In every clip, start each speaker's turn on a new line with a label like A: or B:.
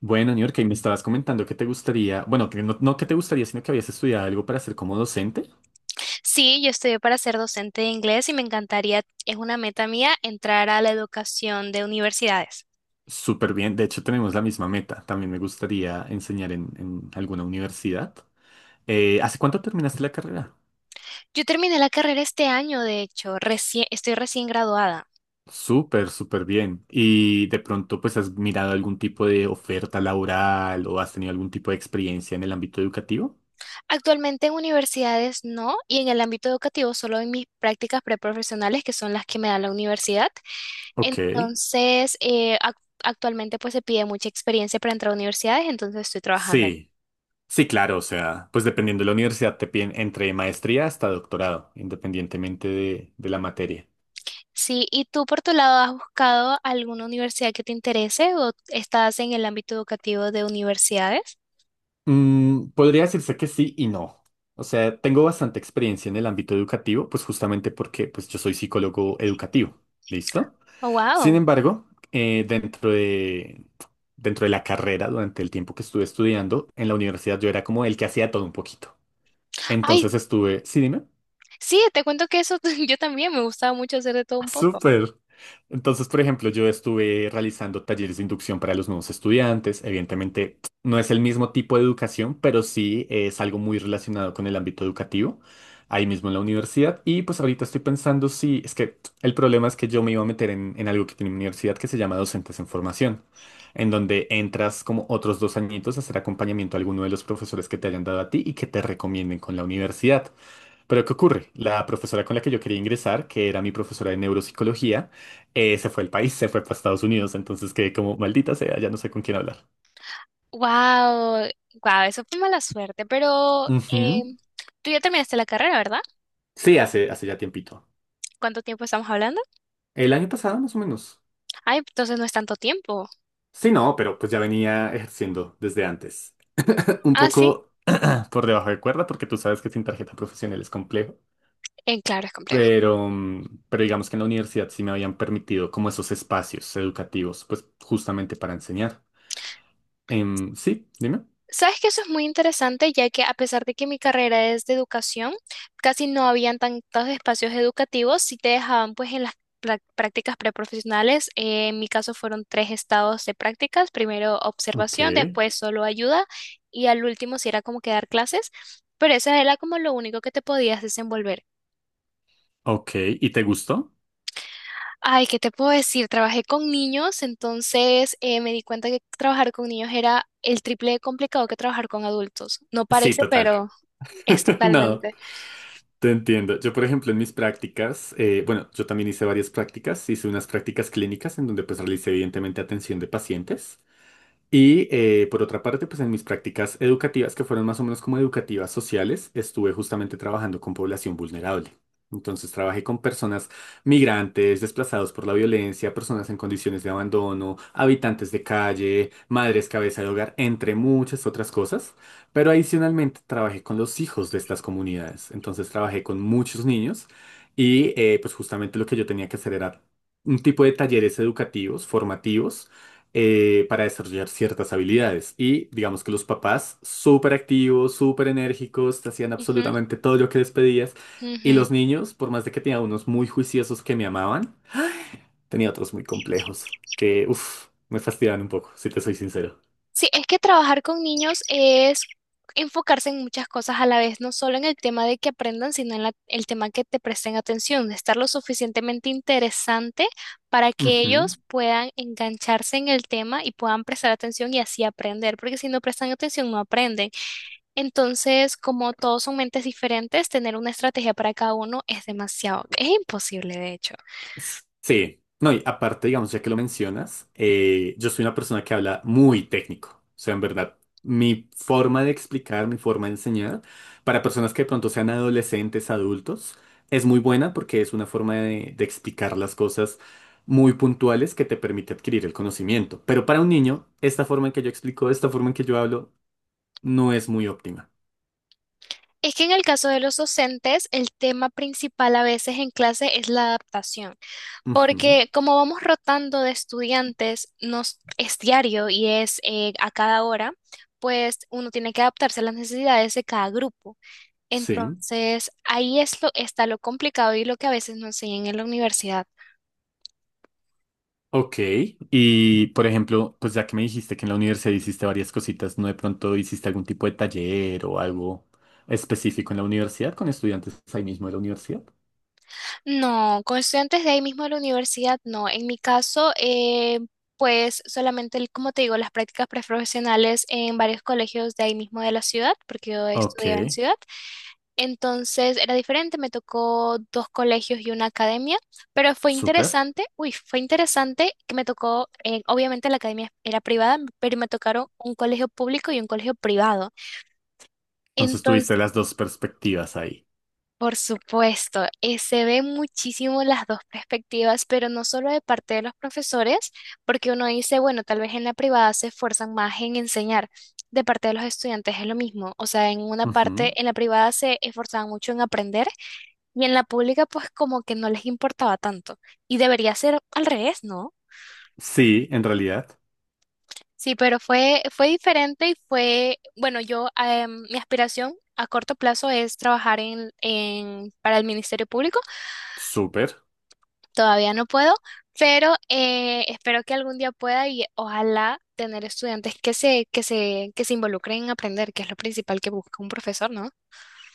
A: Bueno, New York, y me estabas comentando que te gustaría, bueno, que no que te gustaría, sino que habías estudiado algo para ser como docente.
B: Sí, yo estudié para ser docente de inglés y me encantaría, es una meta mía, entrar a la educación de universidades.
A: Súper bien, de hecho tenemos la misma meta. También me gustaría enseñar en alguna universidad. ¿Hace cuánto terminaste la carrera?
B: Yo terminé la carrera este año, de hecho, recién, estoy recién graduada.
A: Súper, súper bien. ¿Y de pronto pues has mirado algún tipo de oferta laboral o has tenido algún tipo de experiencia en el ámbito educativo?
B: Actualmente en universidades no, y en el ámbito educativo solo en mis prácticas preprofesionales, que son las que me da la universidad.
A: Ok.
B: Entonces, actualmente pues se pide mucha experiencia para entrar a universidades, entonces estoy trabajando.
A: Sí, sí, claro, o sea, pues dependiendo de la universidad te piden entre maestría hasta doctorado, independientemente de la materia.
B: Sí, ¿y tú por tu lado has buscado alguna universidad que te interese o estás en el ámbito educativo de universidades?
A: Podría decirse que sí y no. O sea, tengo bastante experiencia en el ámbito educativo, pues justamente porque pues, yo soy psicólogo educativo. ¿Listo?
B: Oh,
A: Sin
B: wow.
A: embargo, eh, dentro de, dentro de la carrera, durante el tiempo que estuve estudiando, en la universidad yo era como el que hacía todo un poquito.
B: Ay,
A: Entonces estuve, sí, dime.
B: sí, te cuento que eso yo también me gustaba mucho hacer de todo un poco.
A: Súper. Entonces, por ejemplo, yo estuve realizando talleres de inducción para los nuevos estudiantes. Evidentemente, no es el mismo tipo de educación, pero sí es algo muy relacionado con el ámbito educativo, ahí mismo en la universidad. Y pues ahorita estoy pensando si, es que el problema es que yo me iba a meter en algo que tiene mi universidad que se llama Docentes en Formación, en donde entras como otros 2 añitos a hacer acompañamiento a alguno de los profesores que te hayan dado a ti y que te recomienden con la universidad. Pero ¿qué ocurre? La profesora con la que yo quería ingresar, que era mi profesora de neuropsicología, se fue al país, se fue para Estados Unidos, entonces quedé como maldita sea, ya no sé con quién hablar.
B: Wow, wow, eso fue mala suerte, pero eh,
A: Ujú.
B: tú ya terminaste la carrera, ¿verdad?
A: Sí, hace ya tiempito.
B: ¿Cuánto tiempo estamos hablando?
A: El año pasado, más o menos.
B: Ay, entonces no es tanto tiempo.
A: Sí, no, pero pues ya venía ejerciendo desde antes. Un
B: Ah, sí,
A: poco por debajo de cuerda, porque tú sabes que sin tarjeta profesional es complejo.
B: claro, es complejo.
A: Pero, pero digamos que en la universidad sí me habían permitido como esos espacios educativos, pues justamente para enseñar. Sí, dime.
B: Sabes que eso es muy interesante, ya que a pesar de que mi carrera es de educación, casi no habían tantos espacios educativos, si te dejaban pues en las prácticas preprofesionales. Eh, en mi caso fueron tres estados de prácticas, primero
A: Ok.
B: observación, después solo ayuda y al último sí era como que dar clases, pero eso era como lo único que te podías desenvolver.
A: Ok, ¿y te gustó?
B: Ay, ¿qué te puedo decir? Trabajé con niños, entonces me di cuenta que trabajar con niños era el triple de complicado que trabajar con adultos. No
A: Sí,
B: parece,
A: total.
B: pero. Es
A: No,
B: totalmente.
A: te entiendo. Yo, por ejemplo, en mis prácticas, bueno, yo también hice varias prácticas, hice unas prácticas clínicas en donde pues realicé evidentemente atención de pacientes. Y por otra parte, pues en mis prácticas educativas, que fueron más o menos como educativas sociales, estuve justamente trabajando con población vulnerable. Entonces trabajé con personas migrantes, desplazados por la violencia, personas en condiciones de abandono, habitantes de calle, madres cabeza de hogar, entre muchas otras cosas. Pero adicionalmente trabajé con los hijos de estas comunidades. Entonces trabajé con muchos niños y pues justamente lo que yo tenía que hacer era un tipo de talleres educativos, formativos para desarrollar ciertas habilidades. Y digamos que los papás, súper activos, súper enérgicos, te hacían
B: Ujú,
A: absolutamente todo lo que les pedías. Y
B: ujú.
A: los niños, por más de que tenía unos muy juiciosos que me amaban, tenía otros muy complejos que, uff, me fastidiaban un poco, si te soy sincero.
B: Sí, es que trabajar con niños es enfocarse en muchas cosas a la vez, no solo en el tema de que aprendan, sino en el tema que te presten atención, de estar lo suficientemente interesante para que
A: Ujú.
B: ellos puedan engancharse en el tema y puedan prestar atención y así aprender, porque si no prestan atención no aprenden. Entonces, como todos son mentes diferentes, tener una estrategia para cada uno es demasiado, es imposible de hecho.
A: Sí, no, y aparte, digamos, ya que lo mencionas, yo soy una persona que habla muy técnico. O sea, en verdad, mi forma de explicar, mi forma de enseñar, para personas que de pronto sean adolescentes, adultos, es muy buena porque es una forma de explicar las cosas muy puntuales que te permite adquirir el conocimiento. Pero para un niño, esta forma en que yo explico, esta forma en que yo hablo, no es muy óptima.
B: Es que en el caso de los docentes, el tema principal a veces en clase es la adaptación,
A: Ujú,
B: porque como vamos rotando de estudiantes, nos es diario y es a cada hora, pues uno tiene que adaptarse a las necesidades de cada grupo.
A: sí.
B: Entonces, ahí es lo, está lo complicado y lo que a veces no enseñan en la universidad.
A: Ok, y por ejemplo, pues ya que me dijiste que en la universidad hiciste varias cositas, ¿no de pronto hiciste algún tipo de taller o algo específico en la universidad con estudiantes ahí mismo de la universidad?
B: No, con estudiantes de ahí mismo de la universidad, no. En mi caso, pues solamente, como te digo, las prácticas preprofesionales en varios colegios de ahí mismo de la ciudad, porque yo
A: Ok,
B: estudiaba en ciudad. Entonces era diferente, me tocó dos colegios y una academia, pero fue
A: súper.
B: interesante, uy, fue interesante que me tocó, obviamente la academia era privada, pero me tocaron un colegio público y un colegio privado.
A: Entonces tuviste las dos perspectivas ahí.
B: Por supuesto, se ven muchísimo las dos perspectivas, pero no solo de parte de los profesores, porque uno dice, bueno, tal vez en la privada se esfuerzan más en enseñar. De parte de los estudiantes es lo mismo, o sea, en una parte,
A: Ujú.
B: en la privada se esforzaban mucho en aprender y en la pública pues como que no les importaba tanto. Y debería ser al revés, ¿no?
A: Sí, en realidad,
B: Sí, pero fue diferente y fue, bueno, yo, mi aspiración a corto plazo es trabajar para el Ministerio Público.
A: súper.
B: Todavía no puedo, pero espero que algún día pueda y ojalá tener estudiantes que se involucren en aprender, que es lo principal que busca un profesor, ¿no?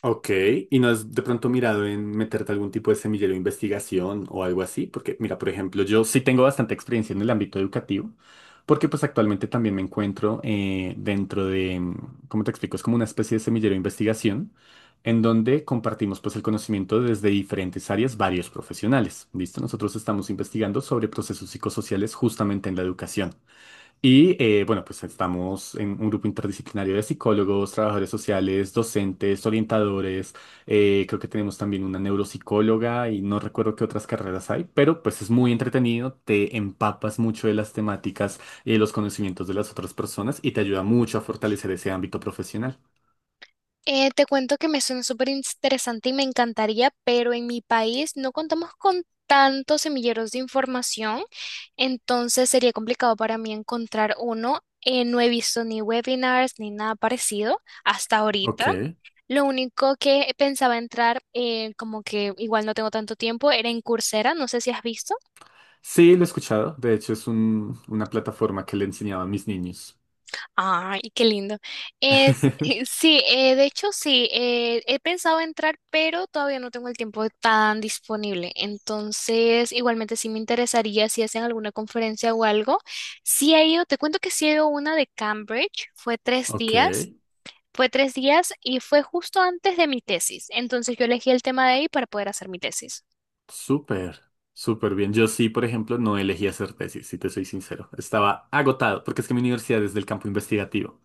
A: Ok, ¿y no has de pronto mirado en meterte algún tipo de semillero de investigación o algo así? Porque mira, por ejemplo, yo sí tengo bastante experiencia en el ámbito educativo, porque pues actualmente también me encuentro dentro de, ¿cómo te explico? Es como una especie de semillero de investigación en donde compartimos pues el conocimiento desde diferentes áreas, varios profesionales, ¿listo? Nosotros estamos investigando sobre procesos psicosociales justamente en la educación. Y bueno, pues estamos en un grupo interdisciplinario de psicólogos, trabajadores sociales, docentes, orientadores. Creo que tenemos también una neuropsicóloga y no recuerdo qué otras carreras hay, pero pues es muy entretenido, te empapas mucho de las temáticas y de los conocimientos de las otras personas y te ayuda mucho a fortalecer ese ámbito profesional.
B: Te cuento que me suena súper interesante y me encantaría, pero en mi país no contamos con tantos semilleros de información, entonces sería complicado para mí encontrar uno. No he visto ni webinars ni nada parecido hasta ahorita.
A: Ok.
B: Lo único que pensaba entrar, como que igual no tengo tanto tiempo, era en Coursera, no sé si has visto.
A: Sí, lo he escuchado. De hecho, es una plataforma que le enseñaba a mis niños.
B: Ay, qué lindo. Es, sí, de hecho sí, he pensado entrar, pero todavía no tengo el tiempo tan disponible. Entonces, igualmente sí me interesaría si hacen alguna conferencia o algo. Sí he ido, te cuento que sí he ido a una de Cambridge, fue tres
A: Ok.
B: días. Fue tres días y fue justo antes de mi tesis. Entonces yo elegí el tema de ahí para poder hacer mi tesis.
A: Súper, súper bien. Yo sí, por ejemplo, no elegí hacer tesis, si te soy sincero. Estaba agotado, porque es que mi universidad es del campo investigativo.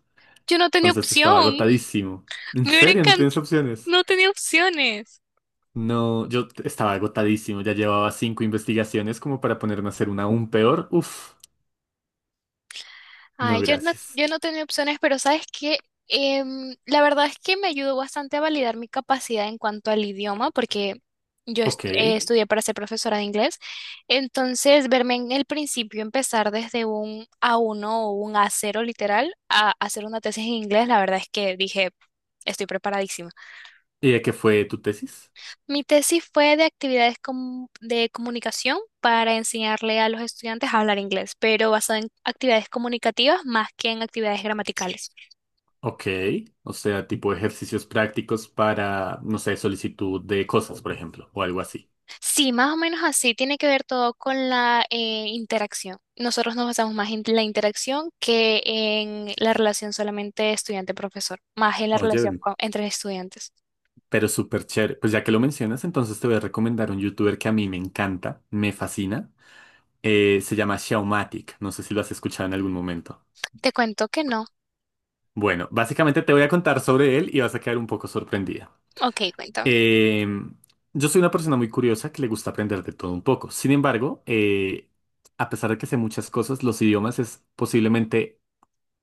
B: Yo no tenía
A: Entonces estaba
B: opción.
A: agotadísimo. ¿En
B: Me hubiera
A: serio? ¿No tienes
B: encantado.
A: opciones?
B: No tenía opciones.
A: No, estaba agotadísimo. Ya llevaba cinco investigaciones como para ponerme a hacer una aún peor. Uf, no,
B: Ay, yo no,
A: gracias.
B: yo no tenía opciones, pero ¿sabes qué? Em, la verdad es que me ayudó bastante a validar mi capacidad en cuanto al idioma, porque yo
A: Ok. ¿Y
B: estudié para ser profesora de inglés. Entonces, verme en el principio empezar desde un a uno o un a cero literal a hacer una tesis en inglés, la verdad es que dije, estoy preparadísima.
A: de qué fue tu tesis?
B: Mi tesis fue de actividades de comunicación para enseñarle a los estudiantes a hablar inglés, pero basado en actividades comunicativas más que en actividades gramaticales.
A: Ok. O sea, tipo ejercicios prácticos para, no sé, solicitud de cosas, por ejemplo, o algo así.
B: Sí, más o menos así, tiene que ver todo con la interacción. Nosotros nos basamos más en la interacción que en la relación solamente estudiante-profesor, más en la relación
A: Oye,
B: entre estudiantes.
A: pero súper chévere. Pues ya que lo mencionas, entonces te voy a recomendar un youtuber que a mí me encanta, me fascina. Se llama Xiaomatic. No sé si lo has escuchado en algún momento.
B: Te cuento que no.
A: Bueno, básicamente te voy a contar sobre él y vas a quedar un poco sorprendida.
B: Ok, cuéntame.
A: Eh, yo soy una persona muy curiosa que le gusta aprender de todo un poco. Sin embargo, a pesar de que sé muchas cosas, los idiomas es posiblemente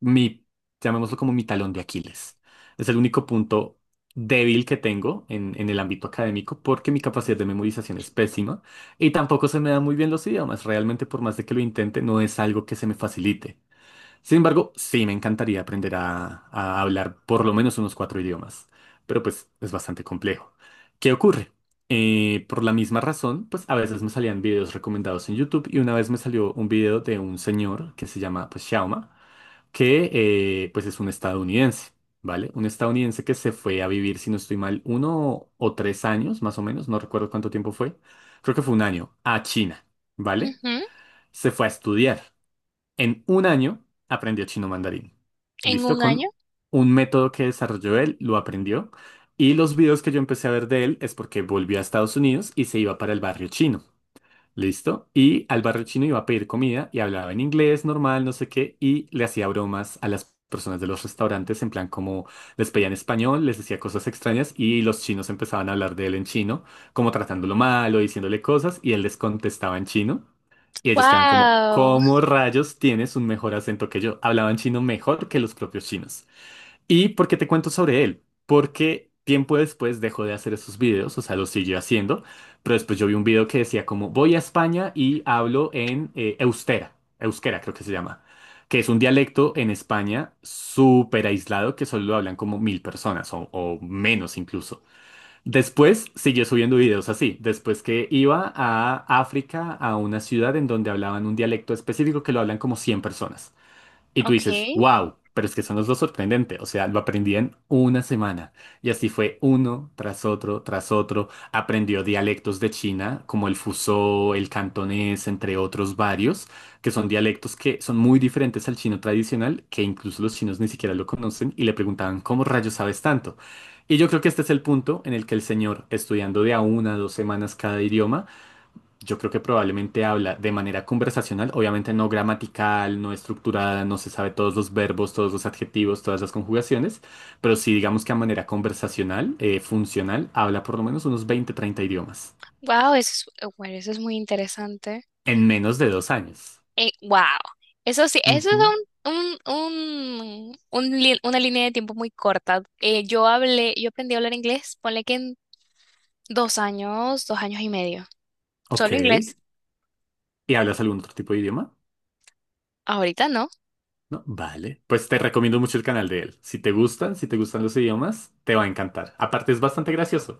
A: mi, llamémoslo como mi talón de Aquiles. Es el único punto débil que tengo en el ámbito académico porque mi capacidad de memorización es pésima y tampoco se me dan muy bien los idiomas. Realmente, por más de que lo intente, no es algo que se me facilite. Sin embargo, sí me encantaría aprender a hablar por lo menos unos cuatro idiomas, pero pues es bastante complejo. ¿Qué ocurre? Por la misma razón, pues a veces me salían videos recomendados en YouTube y una vez me salió un video de un señor que se llama pues Xiaoma que pues es un estadounidense, ¿vale? Un estadounidense que se fue a vivir, si no estoy mal, 1 o 3 años, más o menos, no recuerdo cuánto tiempo fue, creo que fue un año, a China, ¿vale?
B: Ujú.
A: Se fue a estudiar. En un año aprendió chino mandarín.
B: ¿En
A: ¿Listo?
B: un año?
A: Con un método que desarrolló él, lo aprendió. Y los videos que yo empecé a ver de él es porque volvió a Estados Unidos y se iba para el barrio chino. ¿Listo? Y al barrio chino iba a pedir comida y hablaba en inglés normal, no sé qué, y le hacía bromas a las personas de los restaurantes, en plan como les pedía en español, les decía cosas extrañas y los chinos empezaban a hablar de él en chino, como tratándolo mal o diciéndole cosas, y él les contestaba en chino. Y ellos quedaban como,
B: Wow.
A: ¿cómo rayos tienes un mejor acento que yo? Hablaban chino mejor que los propios chinos. ¿Y por qué te cuento sobre él? Porque tiempo después dejó de hacer esos videos, o sea, los siguió haciendo, pero después yo vi un video que decía como voy a España y hablo en Eustera, Euskera creo que se llama, que es un dialecto en España súper aislado que solo lo hablan como 1000 personas o menos incluso. Después siguió subiendo videos así, después que iba a África, a una ciudad en donde hablaban un dialecto específico que lo hablan como 100 personas. Y tú
B: Ok.
A: dices, wow, pero es que son los dos sorprendentes. O sea, lo aprendí en una semana. Y así fue uno tras otro, tras otro. Aprendió dialectos de China, como el fusó, el cantonés, entre otros varios, que son dialectos que son muy diferentes al chino tradicional, que incluso los chinos ni siquiera lo conocen y le preguntaban, ¿cómo rayos sabes tanto? Y yo creo que este es el punto en el que el señor, estudiando de a 1 a 2 semanas cada idioma, yo creo que probablemente habla de manera conversacional, obviamente no gramatical, no estructurada, no se sabe todos los verbos, todos los adjetivos, todas las conjugaciones, pero sí digamos que a manera conversacional, funcional, habla por lo menos unos 20, 30 idiomas
B: Wow, eso es, bueno, eso es muy interesante.
A: en menos de 2 años.
B: Wow. Eso sí, eso es
A: Ujú,
B: una línea de tiempo muy corta. Yo hablé, yo aprendí a hablar inglés, ponle que en 2 años, 2 años y medio.
A: ok.
B: Solo inglés.
A: ¿Y hablas algún otro tipo de idioma?
B: Ahorita no.
A: No, vale. Pues te recomiendo mucho el canal de él. Si te gustan los idiomas, te va a encantar. Aparte es bastante gracioso.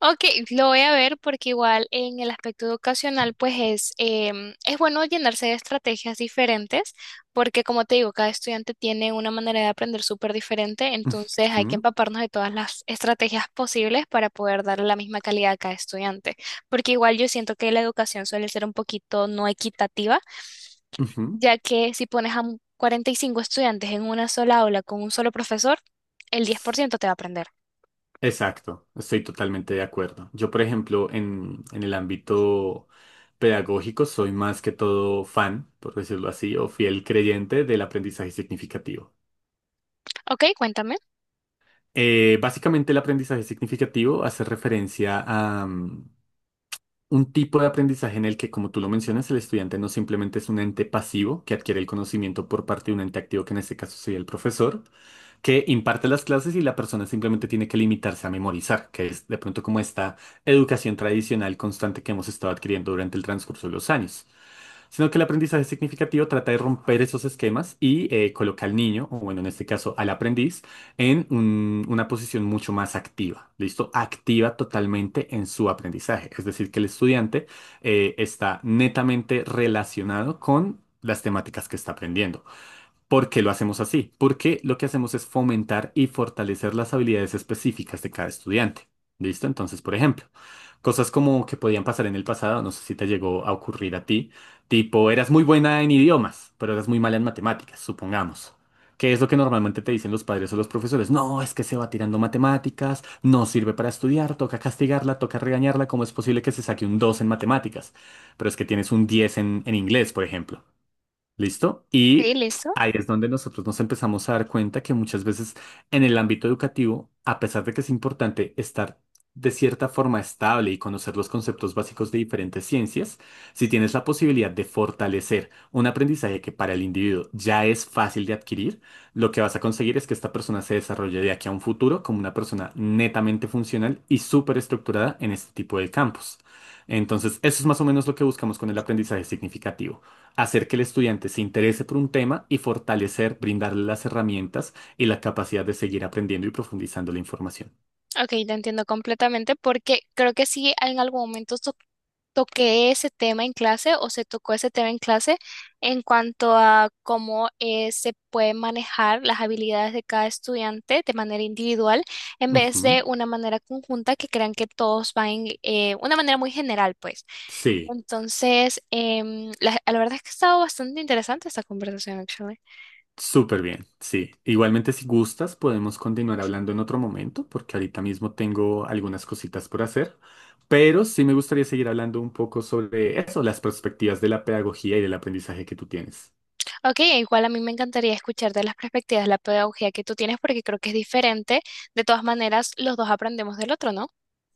B: Ok, lo voy a ver porque igual en el aspecto educacional pues es bueno llenarse de estrategias diferentes porque como te digo, cada estudiante tiene una manera de aprender súper diferente, entonces hay que
A: Ujú,
B: empaparnos de todas las estrategias posibles para poder darle la misma calidad a cada estudiante, porque igual yo siento que la educación suele ser un poquito no equitativa,
A: ujú.
B: ya que si pones a 45 estudiantes en una sola aula con un solo profesor, el 10% te va a aprender.
A: Exacto, estoy totalmente de acuerdo. Yo, por ejemplo, en el ámbito pedagógico soy más que todo fan, por decirlo así, o fiel creyente del aprendizaje significativo.
B: Ok, cuéntame.
A: Básicamente el aprendizaje significativo hace referencia a un tipo de aprendizaje en el que, como tú lo mencionas, el estudiante no simplemente es un ente pasivo que adquiere el conocimiento por parte de un ente activo, que en este caso sería el profesor, que imparte las clases y la persona simplemente tiene que limitarse a memorizar, que es de pronto como esta educación tradicional constante que hemos estado adquiriendo durante el transcurso de los años, sino que el aprendizaje significativo trata de romper esos esquemas y coloca al niño, o bueno, en este caso al aprendiz, en una posición mucho más activa, ¿listo? Activa totalmente en su aprendizaje, es decir, que el estudiante está netamente relacionado con las temáticas que está aprendiendo. ¿Por qué lo hacemos así? Porque lo que hacemos es fomentar y fortalecer las habilidades específicas de cada estudiante. ¿Listo? Entonces, por ejemplo, cosas como que podían pasar en el pasado, no sé si te llegó a ocurrir a ti, tipo, eras muy buena en idiomas, pero eras muy mala en matemáticas, supongamos. ¿Qué es lo que normalmente te dicen los padres o los profesores? No, es que se va tirando matemáticas, no sirve para estudiar, toca castigarla, toca regañarla, ¿cómo es posible que se saque un 2 en matemáticas? Pero es que tienes un 10 en inglés, por ejemplo. ¿Listo?
B: Sí,
A: Y
B: listo.
A: ahí es donde nosotros nos empezamos a dar cuenta que muchas veces en el ámbito educativo, a pesar de que es importante estar de cierta forma estable y conocer los conceptos básicos de diferentes ciencias, si tienes la posibilidad de fortalecer un aprendizaje que para el individuo ya es fácil de adquirir, lo que vas a conseguir es que esta persona se desarrolle de aquí a un futuro como una persona netamente funcional y súper estructurada en este tipo de campos. Entonces, eso es más o menos lo que buscamos con el aprendizaje significativo hacer que el estudiante se interese por un tema y fortalecer, brindarle las herramientas y la capacidad de seguir aprendiendo y profundizando la información.
B: Ok, te entiendo completamente porque creo que sí en algún momento toqué ese tema en clase o se tocó ese tema en clase en cuanto a cómo se pueden manejar las habilidades de cada estudiante de manera individual en vez de
A: Ujú.
B: una manera conjunta que crean que todos van en una manera muy general, pues.
A: Sí,
B: Entonces, la verdad es que ha estado bastante interesante esta conversación, actually.
A: súper bien, sí. Igualmente, si gustas, podemos continuar hablando en otro momento, porque ahorita mismo tengo algunas cositas por hacer, pero sí me gustaría seguir hablando un poco sobre eso, las perspectivas de la pedagogía y del aprendizaje que tú tienes.
B: Ok, e igual a mí me encantaría escuchar de las perspectivas la pedagogía que tú tienes porque creo que es diferente. De todas maneras, los dos aprendemos del otro, ¿no?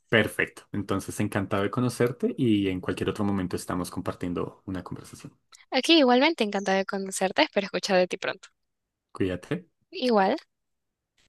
A: Perfecto. Entonces, encantado de conocerte y en cualquier otro momento estamos compartiendo una conversación.
B: Aquí igualmente encantada de conocerte, espero escuchar de ti pronto.
A: Cuídate.
B: Igual.